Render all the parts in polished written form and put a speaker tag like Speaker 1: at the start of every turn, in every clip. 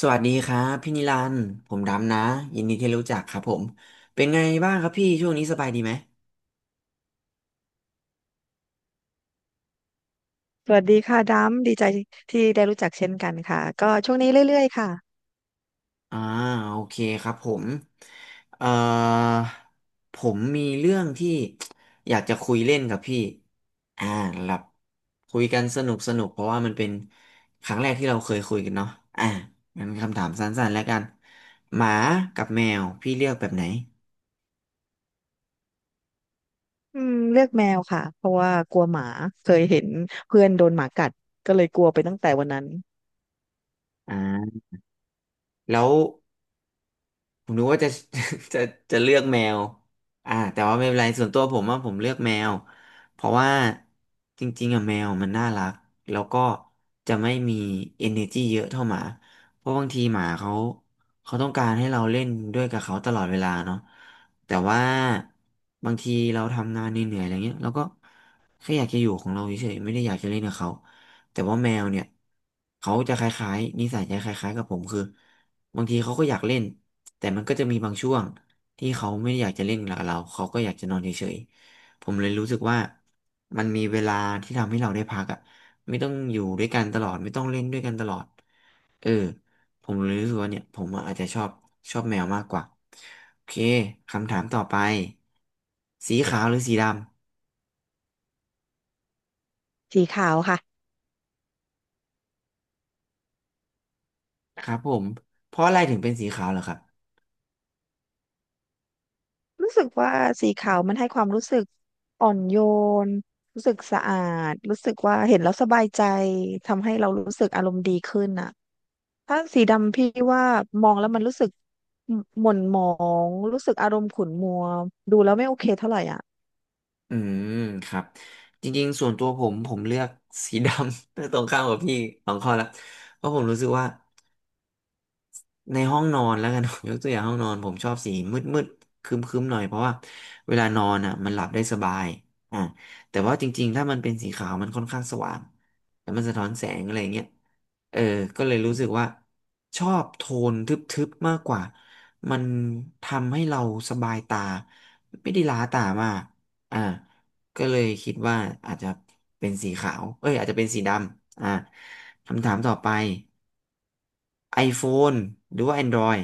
Speaker 1: สวัสดีครับพี่นิรันดร์ผมดำนะยินดีที่รู้จักครับผมเป็นไงบ้างครับพี่ช่วงนี้สบายดีไหม
Speaker 2: สวัสดีค่ะดัมดีใจที่ได้รู้จักเช่นกันค่ะก็ช่วงนี้เรื่อยๆค่ะ
Speaker 1: อ่าโอเคครับผมเอ่อผมมีเรื่องที่ อยากจะคุยเล่นกับพี่อ่าหลับคุยกันสนุกสนุกเพราะว่ามันเป็นครั้งแรกที่เราเคยคุยกันเนาะอ่างั้นคำถามสั้นๆแล้วกันหมากับแมวพี่เลือกแบบไหน
Speaker 2: อืมเลือกแมวค่ะเพราะว่ากลัวหมาเคยเห็นเพื่อนโดนหมากัดก็เลยกลัวไปตั้งแต่วันนั้น
Speaker 1: อ่าแล้ว ผมนึกว่าจะ จะจะเลือกแมวแต่ว่าไม่เป็นไรส่วนตัวผมว่าผมเลือกแมวเพราะว่าจริงๆอะแมวมันน่ารักแล้วก็จะไม่มี energy เยอะเท่าหมาเพราะบางทีหมาเขาต้องการให้เราเล่นด้วยกับเขาตลอดเวลาเนาะแต่ว่าบางทีเราทำงานเหนื่อยๆอะไรเงี้ยเราก็แค่อยากจะอยู่ของเราเฉยๆไม่ได้อยากจะเล่นกับเขาแต่ว่าแมวเนี่ยเขาจะคล้ายๆนิสัยจะคล้ายๆกับผมคือบางทีเขาก็อยากเล่น แต่มันก็จะมีบางช่วงที่เขาไม่ได้อยากจะเล่นกับเราเขาก็อยากจะนอนเฉยๆผมเลยรู้สึกว่ามันมีเวลาที่ทำให้เราได้พักอ่ะไม่ต้องอยู่ด้วยกันตลอดไม่ต้องเล่นด้วยกันตลอดเออผมเลยรู้สึกว่าเนี่ยผมอาจจะชอบแมวมากกว่าโอเคคำถามต่อไปสีขาวหรือสีดำ
Speaker 2: สีขาวค่ะ
Speaker 1: ครับผมเพราะอะไรถึงเป็นสีขาวเหรอครับ
Speaker 2: รู้สึกว่าสีขาวมันให้ความรู้สึกอ่อนโยนรู้สึกสะอาดรู้สึกว่าเห็นแล้วสบายใจทำให้เรารู้สึกอารมณ์ดีขึ้นน่ะถ้าสีดำพี่ว่ามองแล้วมันรู้สึกหม่นหมองรู้สึกอารมณ์ขุ่นมัวดูแล้วไม่โอเคเท่าไหร่อ่ะ
Speaker 1: อืมครับจริงๆส่วนตัวผมเลือกสีดำ ตรงข้ามกับพี่สองข้อละเพราะผมรู้สึกว่า ในห้องนอนแล้วกัน ผมยกตัวอย่างห้องนอนผมชอบสีมืดมืดคึมคึมๆหน่อยเพราะว่าเวลานอนอ่ะมันหลับได้สบายอ่าแต่ว่าจริงๆถ้ามันเป็นสีขาวมันค่อนข้างสว่างแล้วมันสะท้อนแสงอะไรเงี้ยเออก็เลยรู้สึกว่าชอบโทนทึบๆมากกว่ามันทำให้เราสบายตาไม่ได้ล้าตามากอ่าก็เลยคิดว่าอาจจะเป็นสีขาวเอ้ยอาจจะเป็นสีดำคำถามต่อไป iPhone หรือว่า Android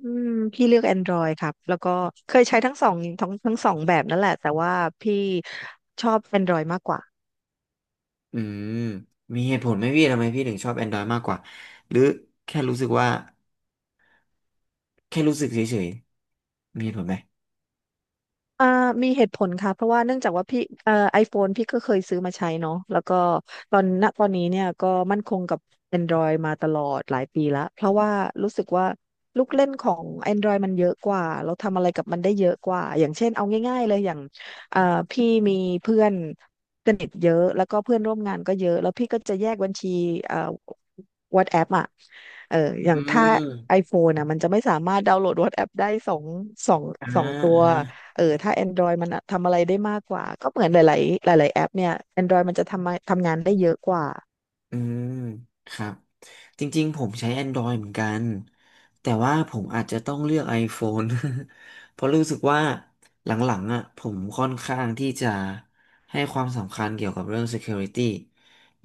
Speaker 2: อืมพี่เลือก Android ครับแล้วก็เคยใช้ทั้งสองทั้งสองแบบนั่นแหละแต่ว่าพี่ชอบ Android มากกว่า
Speaker 1: อืมมีเหตุผลไหมพี่ทำไมพี่ถึงชอบ Android มากกว่าหรือแค่รู้สึกว่าแค่รู้สึกเฉยๆมีเหตุผลไหม
Speaker 2: อ่ามีเหตุผลค่ะเพราะว่าเนื่องจากว่าพี่ไอโฟนพี่ก็เคยซื้อมาใช้เนาะแล้วก็ตอนณตอนนี้เนี่ยก็มั่นคงกับ Android มาตลอดหลายปีละเพราะว่ารู้สึกว่าลูกเล่นของ Android มันเยอะกว่าเราทำอะไรกับมันได้เยอะกว่าอย่างเช่นเอาง่ายๆเลยอย่างเอ่อพี่มีเพื่อนสนิทเยอะแล้วก็เพื่อนร่วมงานก็เยอะแล้วพี่ก็จะแยกบัญชีเอ่อ WhatsApp อ่ะเอออ
Speaker 1: อื
Speaker 2: ย่างถ้า
Speaker 1: ม
Speaker 2: iPhone นะมันจะไม่สามารถดาวน์โหลด WhatsApp ได้สองสอง
Speaker 1: อ่
Speaker 2: สองตัว
Speaker 1: า
Speaker 2: เออถ้า Android มันทำอะไรได้มากกว่าก็เหมือนหลายๆหลายๆแอปเนี่ย Android มันจะทำมาทำงานได้เยอะกว่า
Speaker 1: อืมครับจริงๆผมใช้ Android เหมือนกันแต่ว่าผมอาจจะต้องเลือก iPhone เพราะรู้สึกว่าหลังๆอ่ะผมค่อนข้างที่จะให้ความสำคัญเกี่ยวกับเรื่อง Security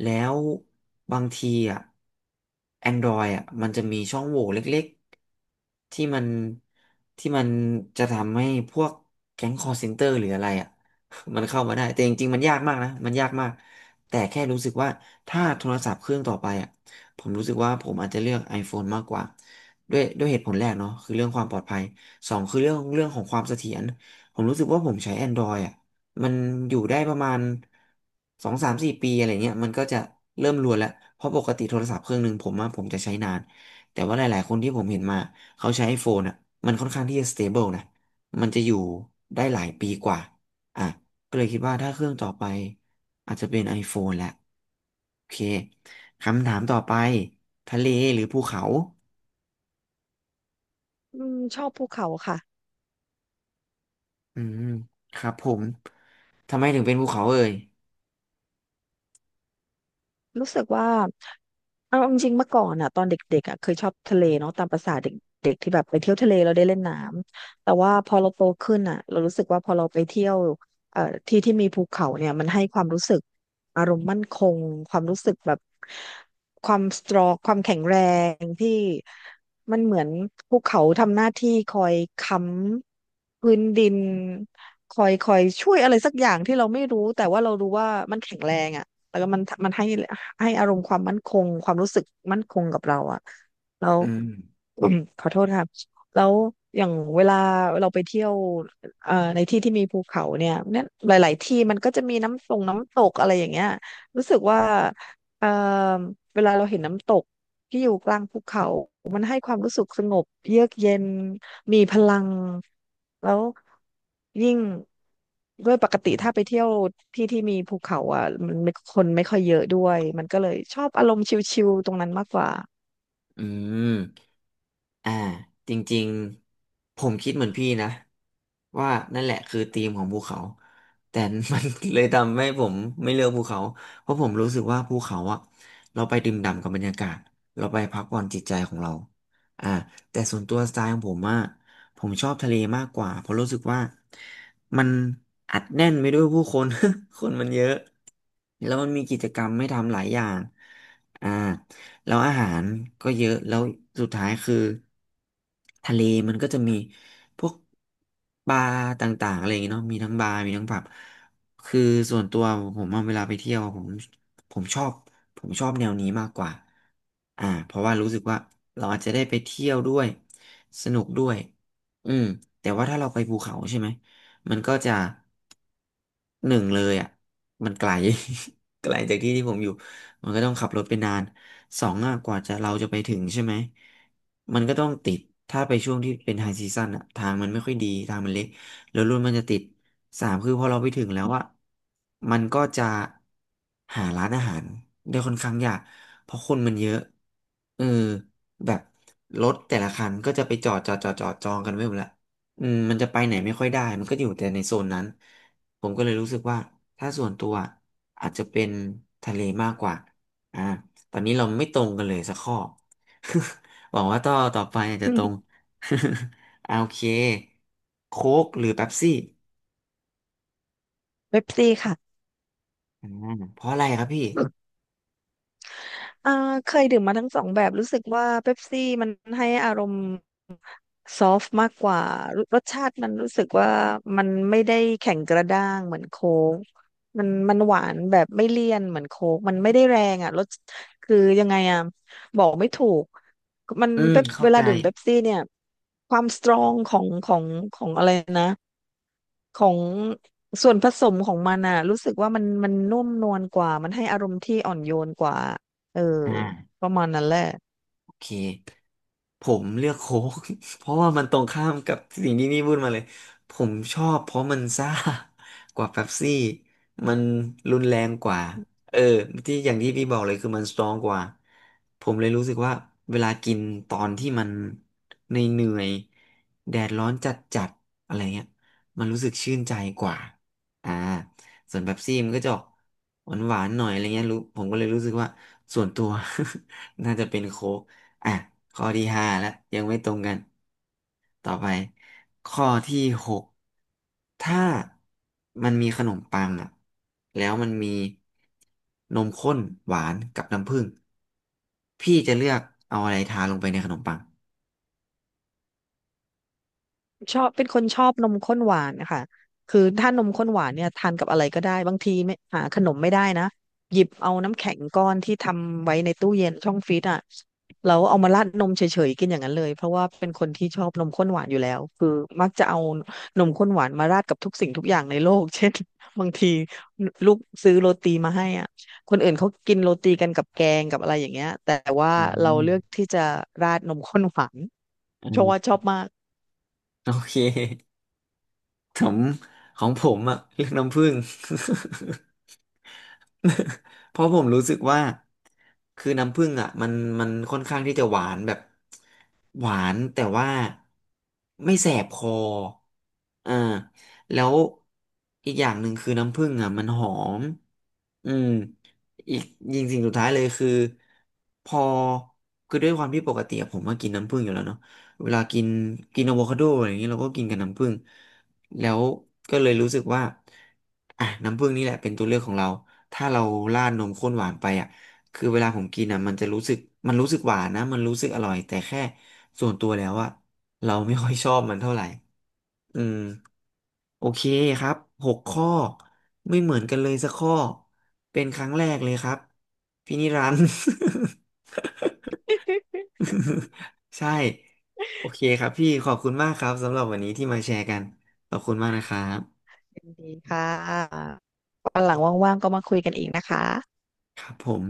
Speaker 1: แล้วบางทีอ่ะ Android อ่ะมันจะมีช่องโหว่เล็กๆที่มันจะทำให้พวกแก๊ง call center หรืออะไรอ่ะ มันเข้ามาได้แต่จริงๆมันยากมากนะมันยากมาก แต่แค่รู้สึกว่าถ้าโทรศัพท์เครื่องต่อไปอ่ะผมรู้สึกว่าผมอาจจะเลือก iPhone มากกว่าด้วยเหตุผลแรกเนาะคือเรื่องความปลอดภัยสองคือเรื่องของความเสถียรผมรู้สึกว่าผมใช้ Android อ่ะมันอยู่ได้ประมาณสองสามสี่ปีอะไรเงี้ยมันก็จะเริ่มรวนแล้วเพราะปกติโทรศัพท์เครื่องหนึ่งผมว่าผมจะใช้นานแต่ว่าหลายๆคนที่ผมเห็นมาเขาใช้ iPhone อ่ะมันค่อนข้างที่จะ stable นะมันจะอยู่ได้หลายปีกว่าอ่ะ ก็เลยคิดว่าถ้าเครื่องต่อไปอาจจะเป็น iPhone แหละโอเคคำถามต่อไปทะเลหรือภูเขา
Speaker 2: อืมชอบภูเขาค่ะ
Speaker 1: อืมครับผมทำไมถึงเป็นภูเขาเอ่ย
Speaker 2: รู้สึกว่าเอาจริงๆเมื่อก่อนอ่ะตอนเด็กๆอ่ะเคยชอบทะเลเนาะตามประสาเด็กๆที่แบบไปเที่ยวทะเลเราได้เล่นน้ำแต่ว่าพอเราโตขึ้นอ่ะเรารู้สึกว่าพอเราไปเที่ยวเอ่อที่ที่มีภูเขาเนี่ยมันให้ความรู้สึกอารมณ์มั่นคงความรู้สึกแบบความสตรองความแข็งแรงที่มันเหมือนภูเขาทำหน้าที่คอยค้ำพื้นดินคอยช่วยอะไรสักอย่างที่เราไม่รู้แต่ว่าเรารู้ว่ามันแข็งแรงอ่ะแล้วก็มันให้ ให้อารมณ์ความมั่นคงความรู้สึกมั่นคงกับเราอะแล้ว
Speaker 1: อืม
Speaker 2: อืมขอโทษค่ะแล้วอย่างเวลาเราไปเที่ยวในที่ที่มีภูเขาเนี่ยหลายๆที่มันก็จะมีน้ำตกอะไรอย่างเงี้ยรู้สึกว่าเอ่อเวลาเราเห็นน้ำตกที่อยู่กลางภูเขามันให้ความรู้สึกสงบเยือกเย็นมีพลังแล้วยิ่งด้วยปกติถ้าไปเที่ยวที่ที่มีภูเขาอ่ะมันไม่คนไม่ค่อยเยอะด้วยมันก็เลยชอบอารมณ์ชิลๆตรงนั้นมากกว่า
Speaker 1: อืมอ่าจริงๆผมคิดเหมือนพี่นะว่านั่นแหละคือธีมของภูเขาแต่ มัน เลยทำให้ผมไม่เลือกภูเขาเพราะผมรู้สึกว่าภูเขาอะเราไปดื่มด่ำกับบรรยากาศเราไปพักผ่อนจิตใจของเราอ่าแต่ส่วนตัวสไตล์ของผมอะผมชอบทะเลมากกว่าเพราะรู้สึกว่ามันอัดแน่นไปด้วยผู้คน คนมันเยอะแล้วมันมีกิจกรรมให้ทำหลายอย่างอ่า แล้วอาหารก็เยอะแล้วสุดท้ายคือทะเลมันก็จะมีพวกบาร์ต่างๆอะไรอย่างเงี้ยเนาะมีทั้งบาร์มีทั้งผับคือส่วนตัวผมอะเวลาไปเที่ยวผมชอบผมชอบแนวนี้มากกว่าเพราะว่ารู้สึกว่าเราอาจจะได้ไปเที่ยวด้วยสนุกด้วยอืมแต่ว่าถ้าเราไปภูเขาใช่ไหมมันก็จะหนึ่งเลยอ่ะมันไกล ไกลจากที่ที่ผมอยู่ มันก็ต้องขับรถไปนานสองอะกว่าจะเราจะไปถึงใช่ไหมมันก็ต้องติดถ้าไปช่วงที่เป็นไฮซีซั่นอ่ะทางมันไม่ค่อยดีทางมันเล็กแล้วรถมันจะติดสามคือพอเราไปถึงแล้วอะมันก็จะหาร้านอาหารได้ค่อนข้างยากเพราะคนมันเยอะเออแบบรถแต่ละคันก็จะไปจอดจอดจอดจอดจองกันไว้หมดละอืมมันจะไปไหนไม่ค่อยได้มันก็อยู่แต่ในโซนนั้นผมก็เลยรู้สึกว่าถ้าส่วนตัวอาจจะเป็นทะเลมากกว่า อ่าตอนนี้เราไม่ตรงกันเลยสักข้อ หวังว่าต่อไปอาจ จะ
Speaker 2: อื
Speaker 1: ต
Speaker 2: ม
Speaker 1: รง อ่าโอเคโค้กหรือเป๊ปซี่
Speaker 2: เว็บซี่ค่ะ
Speaker 1: อ่าเพราะอะไรครับพี่
Speaker 2: อ่าเคยดื่มมาทั้งสองแบบรู้สึกว่าเป๊ปซี่มันให้อารมณ์ซอฟต์มากกว่ารรสชาติมันรู้สึกว่ามันไม่ได้แข็งกระด้างเหมือนโค้กมันหวานแบบไม่เลี่ยนเหมือนโค้กมันไม่ได้แรงอ่ะรสคือยังไงอ่ะบอกไม่ถูกมัน
Speaker 1: อืม
Speaker 2: เป๊ป
Speaker 1: เข้า
Speaker 2: เว
Speaker 1: ใจ
Speaker 2: ลาดื่มเป๊ปซี่เนี่ยความสตรองของของอะไรนะ ของส่วนผสมของมันอ่ะรู้สึกว่ามันนุ่มนวลกว่ามันให้อารมณ์ที่อ่อนโยนกว่าเออ
Speaker 1: อ่า
Speaker 2: ประมาณนั้นแหละ
Speaker 1: เคผมเลือกโค้ก เพราะว่ามันตรงข้ามกับสิ่งที่นี่พูดมาเลยผมชอบเพราะมันซ่ากว่าเป๊ปซี่มันรุนแรงกว่าเออที่อย่างที่พี่บอกเลยคือมันสตรองกว่าผมเลยรู้สึกว่าเวลากินตอนที่มันในเหนื่อยๆแดดร้อนจัดๆอะไรเงี้ยมันรู้สึกชื่นใจกว่าอ่าส่วนเป๊ปซี่มันก็จะออกหวานๆหน่อยอะไรเงี้ยรู้ผมก็เลยรู้สึกว่าส่วนตัว น่าจะเป็นโค้ก อ่ะข้อที่ห้าแล้วยังไม่ตรงกันต่อไปข้อที่หกถ้ามันมีขนมปังอ่ะแล้วมันมีนมข้นหวานกับน้ำผึ้งพี่จะเลือกเอาอะไรทาลงไปในขนมปัง
Speaker 2: ชอบเป็นคนชอบนมข้นหวานนะคะคือถ้านมข้นหวานเนี่ยทานกับอะไรก็ได้บางทีไม่หาขนมไม่ได้นะหยิบเอาน้ำแข็งก้อนที่ทำไว้ในตู้เย็นช่องฟรีซอ่ะแล้วเอามาราดนมเฉยๆกินอย่างนั้นเลยเพราะว่าเป็นคนที่ชอบนมข้นหวานอยู่แล้วคือมักจะเอานมข้นหวานมาราดกับทุกสิ่งทุกอย่างในโลก เช่นบางทีลูกซื้อโรตีมาให้อ่ะคนอื่นเขากินโรตีกันกับแกงกับอะไรอย่างเงี้ยแต่ว่า
Speaker 1: อื
Speaker 2: เราเลือก
Speaker 1: ม
Speaker 2: ที่จะราดนมข้นหวาน
Speaker 1: อื
Speaker 2: เพราะว่า
Speaker 1: ม
Speaker 2: ชอบมาก
Speaker 1: โอเค ผมของผมอ่ะเลือกน้ำผึ้ง เพราะผมรู้สึกว่าคือน้ำผึ้งอ่ะมันค่อนข้างที่จะหวานแบบหวานแต่ว่าไม่แสบคออ่าแล้วอีกอย่างหนึ่งคือน้ำผึ้งอ่ะมันหอมอืมอีกยิงสิ่งสุดท้ายเลยคือพอคือด้วยความที่ปกติอะผมก็กินน้ำผึ้งอยู่แล้วเนาะเวลากินกินอะโวคาโดอะไรอย่างเงี้ยเราก็กินกับน้ำผึ้ง แล้วก็เลยรู้สึกว่าอ่ะน้ำผึ้งนี่แหละเป็นตัวเลือกของเรา ถ้าเราราดนมข้นหวานไปอ่ะคือเวลาผมกินอ่ะมันจะรู้สึกมันรู้สึกหวานนะมันรู้สึกอร่อยแต่แค่ส่วนตัวแล้วอ่ะเราไม่ค่อยชอบมันเท่าไหร่อืมโอเคครับหกข้อไม่เหมือนกันเลยสักข้อเป็นครั้งแรกเลยครับพี่นิรันดร์ ใช่โอเคครับพี่ขอบคุณมากครับสำหรับวันนี้ที่มาแชร์กันขอบคุณมากนะครับ
Speaker 2: ยินดีค่ะวันหลังว่างๆก็มาคุยกันอีกนะคะ
Speaker 1: ครับผม